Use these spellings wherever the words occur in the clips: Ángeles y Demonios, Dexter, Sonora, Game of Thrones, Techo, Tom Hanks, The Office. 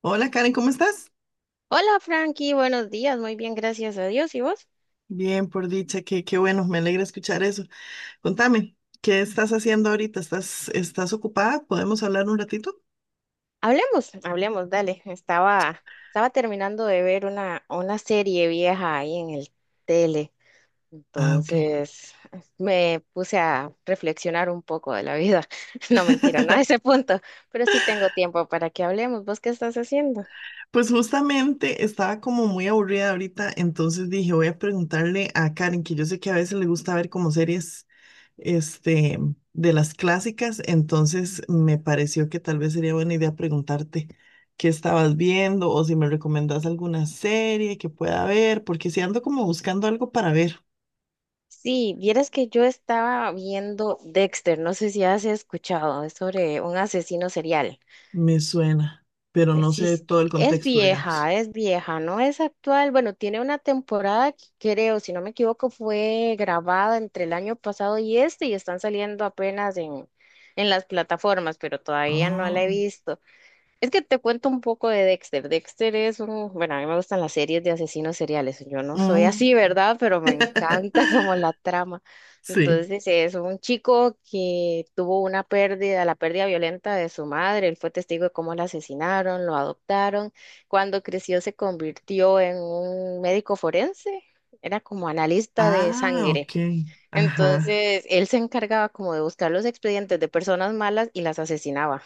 Hola Karen, ¿cómo estás? Hola Frankie, buenos días, muy bien, gracias a Dios. ¿Y vos? Bien, por dicha, qué bueno, me alegra escuchar eso. Contame, ¿qué estás haciendo ahorita? ¿Estás ocupada? ¿Podemos hablar un ratito? Hablemos, hablemos, dale. Estaba terminando de ver una serie vieja ahí en el tele, Ah, ok. entonces me puse a reflexionar un poco de la vida. No mentira, no a ese punto, pero sí tengo tiempo para que hablemos. ¿Vos qué estás haciendo? Pues justamente estaba como muy aburrida ahorita, entonces dije, voy a preguntarle a Karen, que yo sé que a veces le gusta ver como series este, de las clásicas, entonces me pareció que tal vez sería buena idea preguntarte qué estabas viendo o si me recomendás alguna serie que pueda ver, porque si ando como buscando algo para ver, Sí, vieras que yo estaba viendo Dexter, no sé si has escuchado, es sobre un asesino serial. me suena, pero eh, no Sí, sé s- e, todo el es contexto, digamos. vieja, es vieja, no es actual. Bueno, tiene una temporada que creo, si no me equivoco, fue grabada entre el año pasado y este y están saliendo apenas en las plataformas, pero todavía no Ah, la he visto. Es que te cuento un poco de Dexter. Dexter es un, bueno, a mí me gustan las series de asesinos seriales. Yo no soy mm, así, ¿verdad? Pero me encanta como la trama. sí. Entonces es un chico que tuvo una pérdida, la pérdida violenta de su madre. Él fue testigo de cómo la asesinaron, lo adoptaron. Cuando creció se convirtió en un médico forense. Era como analista de Ah, sangre. ok. Ajá. Entonces él se encargaba como de buscar los expedientes de personas malas y las asesinaba.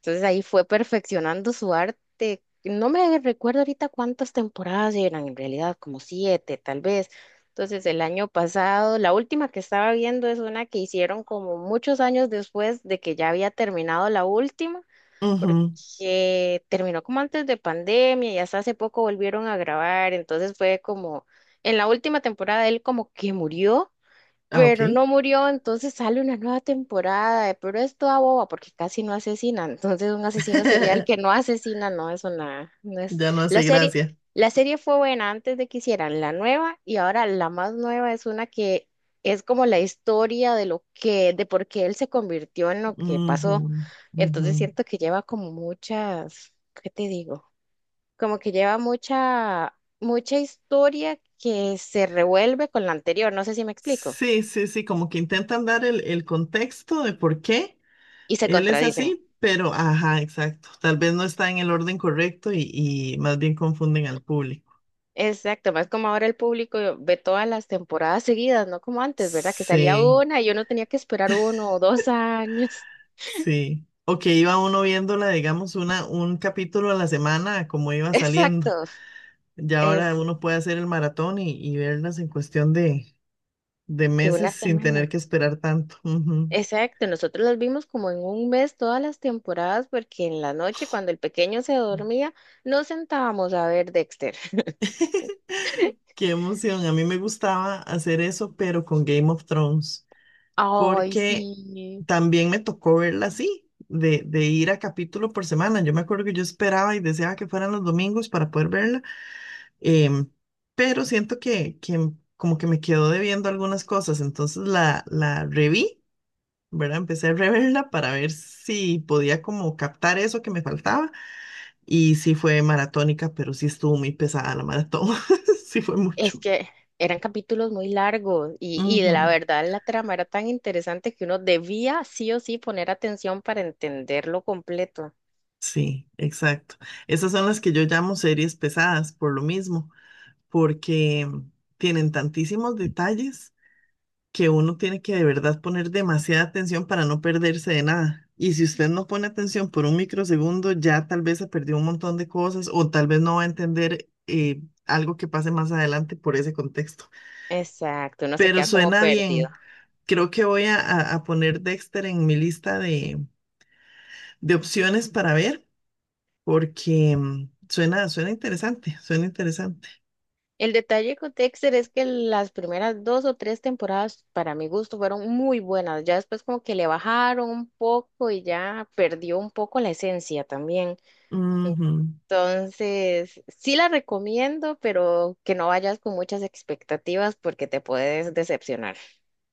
Entonces ahí fue perfeccionando su arte. No me recuerdo ahorita cuántas temporadas eran, en realidad como siete, tal vez. Entonces el año pasado, la última que estaba viendo es una que hicieron como muchos años después de que ya había terminado la última, Ujú. porque terminó como antes de pandemia y hasta hace poco volvieron a grabar. Entonces fue como, en la última temporada él como que murió, Ah, ok. pero no murió, entonces sale una nueva temporada, pero es toda boba porque casi no asesina, entonces un asesino serial que no asesina no es una, no es Ya no hace gracia. la serie fue buena antes de que hicieran la nueva y ahora la más nueva es una que es como la historia de lo que, de por qué él se convirtió en lo que Ujú, pasó, ujú. entonces siento que lleva como muchas, ¿qué te digo? Como que lleva mucha, mucha historia que se revuelve con la anterior, no sé si me explico. Sí, sí, sí, como que intentan dar el contexto de por qué Y se él es contradicen. así, pero ajá, exacto. Tal vez no está en el orden correcto y más bien confunden al público. Exacto, más como ahora el público ve todas las temporadas seguidas, no como antes, ¿verdad? Que salía Sí, una y yo no tenía que esperar uno o dos años. sí. O que iba uno viéndola, digamos, un capítulo a la semana, como iba saliendo. Exacto, Ya ahora es uno puede hacer el maratón y verlas en cuestión de de una meses sin tener semana. que esperar tanto. Ujú. Exacto, nosotros las vimos como en un mes todas las temporadas porque en la noche cuando el pequeño se dormía nos sentábamos a ver Dexter. Qué emoción. A mí me gustaba hacer eso, pero con Game of Thrones, Ay, porque sí. también me tocó verla así, de ir a capítulo por semana. Yo me acuerdo que yo esperaba y deseaba que fueran los domingos para poder verla, em, pero siento que como que me quedó debiendo algunas cosas, entonces la reví, ¿verdad? Empecé a reverla para ver si podía como captar eso que me faltaba y sí fue maratónica, pero sí estuvo muy pesada la maratón, sí fue Es mucho. que eran capítulos muy largos y de la Ujú, verdad la trama era tan interesante que uno debía sí o sí poner atención para entenderlo completo. sí, exacto. Esas son las que yo llamo series pesadas por lo mismo, porque tienen tantísimos detalles que uno tiene que de verdad poner demasiada atención para no perderse de nada. Y si usted no pone atención por un microsegundo, ya tal vez se perdió un montón de cosas o tal vez no va a entender algo que pase más adelante por ese contexto. Exacto, uno se Pero queda como suena perdido. bien. Creo que voy a, a poner Dexter en mi lista de opciones para ver porque suena, suena interesante, suena interesante. El detalle con Dexter es que las primeras dos o tres temporadas, para mi gusto, fueron muy buenas. Ya después como que le bajaron un poco y ya perdió un poco la esencia también. Ujú. Entonces, sí la recomiendo, pero que no vayas con muchas expectativas porque te puedes decepcionar.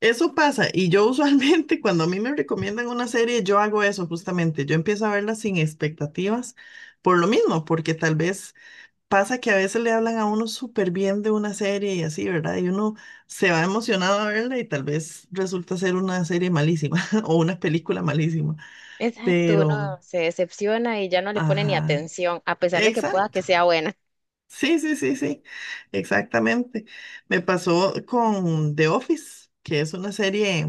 Eso pasa, y yo usualmente cuando a mí me recomiendan una serie, yo hago eso justamente, yo empiezo a verla sin expectativas, por lo mismo, porque tal vez pasa que a veces le hablan a uno súper bien de una serie y así, ¿verdad? Y uno se va emocionado a verla y tal vez resulta ser una serie malísima o una película malísima, Exacto, pero, uno se decepciona y ya no le pone ni ajá, atención, a pesar de que pueda exacto, que sea buena. sí, sí, sí, sí, exactamente. Me pasó con The Office, que es una serie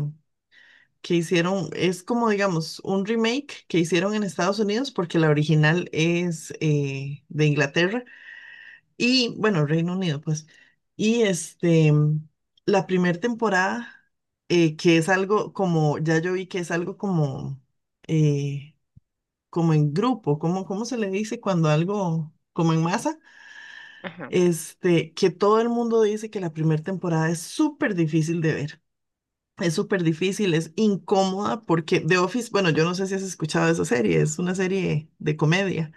que hicieron, es como digamos un remake que hicieron en Estados Unidos porque la original es de Inglaterra y bueno, Reino Unido pues. Y la primera temporada, que es algo como, ya yo vi que es algo como, eh, como en grupo, como, ¿cómo se le dice cuando algo, como en masa? Ajá. Este, que todo el mundo dice que la primera temporada es súper difícil de ver. Es súper difícil, es incómoda porque The Office, bueno, yo no sé si has escuchado esa serie, es una serie de comedia.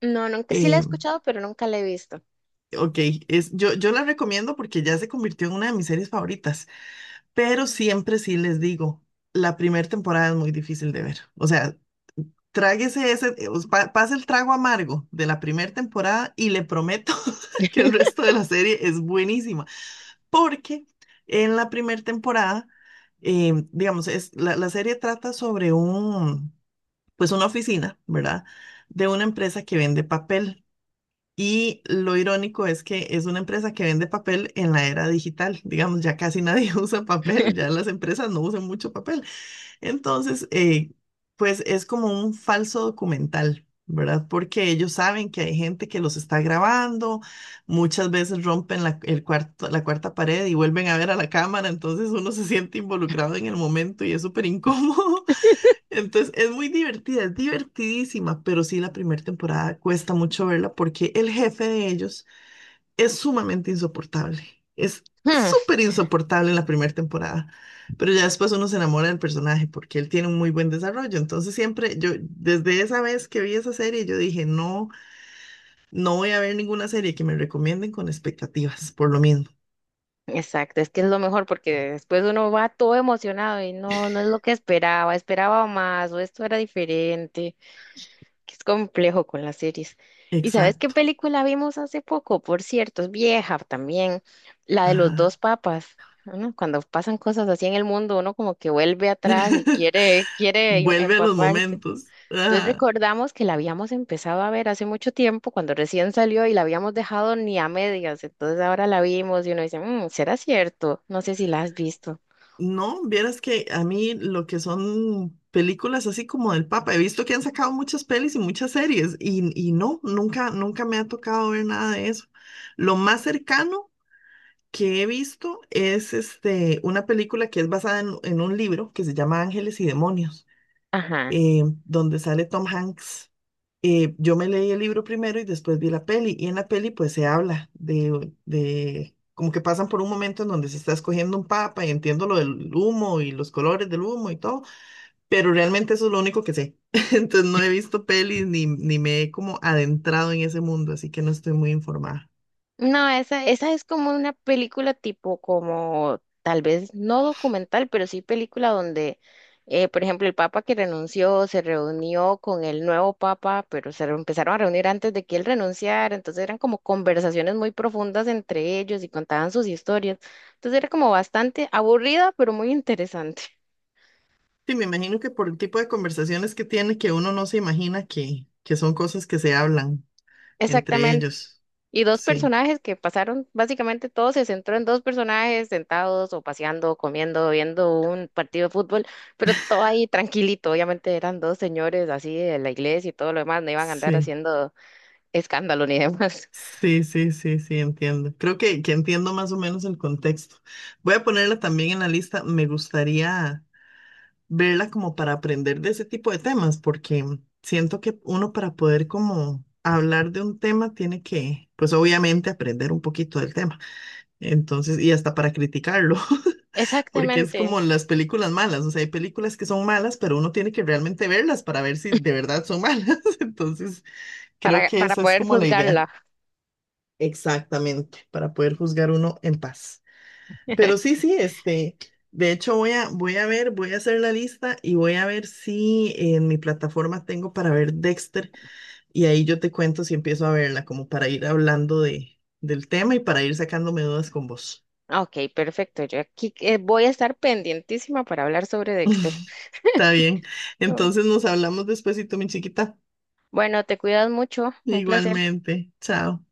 No, nunca, sí la he Eh, escuchado, pero nunca la he visto. ok, es, yo la recomiendo porque ya se convirtió en una de mis series favoritas, pero siempre sí les digo, la primera temporada es muy difícil de ver. O sea, tráguese ese, pase el trago amargo de la primera temporada y le prometo que el resto de la serie es buenísima, porque en la primera temporada, digamos, es, la serie trata sobre un, pues una oficina, ¿verdad? De una empresa que vende papel. Y lo irónico es que es una empresa que vende papel en la era digital. Digamos, ya casi nadie usa papel, ya las empresas no usan mucho papel. Entonces, pues es como un falso documental, ¿verdad? Porque ellos saben que hay gente que los está grabando, muchas veces rompen la, el cuarto, la cuarta pared y vuelven a ver a la cámara, entonces uno se siente involucrado en el momento y es súper incómodo. Entonces, es muy divertida, es divertidísima, pero sí la primera temporada cuesta mucho verla porque el jefe de ellos es sumamente insoportable. Es Hmm. súper insoportable en la primera temporada, pero ya después uno se enamora del personaje porque él tiene un muy buen desarrollo. Entonces, siempre yo, desde esa vez que vi esa serie, yo dije, no, no voy a ver ninguna serie que me recomienden con expectativas, por lo mismo. Exacto, es que es lo mejor porque después uno va todo emocionado y no, no es lo que esperaba, esperaba más o esto era diferente. Que es complejo con las series. ¿Y sabes qué Exacto. película vimos hace poco? Por cierto, es vieja también, la de los Ajá. dos papas. ¿No? Cuando pasan cosas así en el mundo, uno como que vuelve atrás y quiere, Vuelve a los empaparse. momentos. Entonces Ajá. recordamos que la habíamos empezado a ver hace mucho tiempo, cuando recién salió y la habíamos dejado ni a medias. Entonces ahora la vimos y uno dice, "Mm, ¿será cierto?" No sé si la has visto. No, vieras que a mí lo que son películas así como del Papa, he visto que han sacado muchas pelis y muchas series y no, nunca, nunca me ha tocado ver nada de eso. Lo más cercano que he visto es este, una película que es basada en un libro que se llama Ángeles y Demonios, Ajá. Donde sale Tom Hanks. Yo me leí el libro primero y después vi la peli, y en la peli pues se habla de como que pasan por un momento en donde se está escogiendo un papa y entiendo lo del humo y los colores del humo y todo, pero realmente eso es lo único que sé. Entonces no he visto pelis ni, ni me he como adentrado en ese mundo, así que no estoy muy informada. No, esa es como una película tipo como tal vez no documental, pero sí película donde, por ejemplo, el papa que renunció se reunió con el nuevo papa, pero empezaron a reunir antes de que él renunciara, entonces eran como conversaciones muy profundas entre ellos y contaban sus historias. Entonces era como bastante aburrida, pero muy interesante. Sí, me imagino que por el tipo de conversaciones que tiene, que uno no se imagina que son cosas que se hablan entre Exactamente. ellos. Y dos Sí, personajes que pasaron, básicamente todo se centró en dos personajes sentados o paseando, comiendo, viendo un partido de fútbol, pero todo ahí tranquilito. Obviamente eran dos señores así de la iglesia y todo lo demás, no iban a andar sí. haciendo escándalo ni demás. Sí, sí, sí, sí, entiendo. Creo que entiendo más o menos el contexto. Voy a ponerla también en la lista. Me gustaría verla como para aprender de ese tipo de temas, porque siento que uno para poder como hablar de un tema tiene que, pues obviamente, aprender un poquito del tema. Entonces, y hasta para criticarlo, porque es Exactamente, como las películas malas. O sea, hay películas que son malas, pero uno tiene que realmente verlas para ver si de verdad son malas. Entonces, creo que para esa es poder como la idea. juzgarla. Exactamente, para poder juzgar uno en paz. Pero sí, sí, de hecho voy a, voy a ver, voy a hacer la lista y voy a ver si en mi plataforma tengo para ver Dexter y ahí yo te cuento si empiezo a verla, como para ir hablando de, del tema y para ir sacándome dudas con vos. Ok, perfecto. Yo aquí voy a estar pendientísima para hablar sobre Dexter. Está bien, Oh. entonces nos hablamos despuesito, mi chiquita. Bueno, te cuidas mucho, un placer. Igualmente, chao.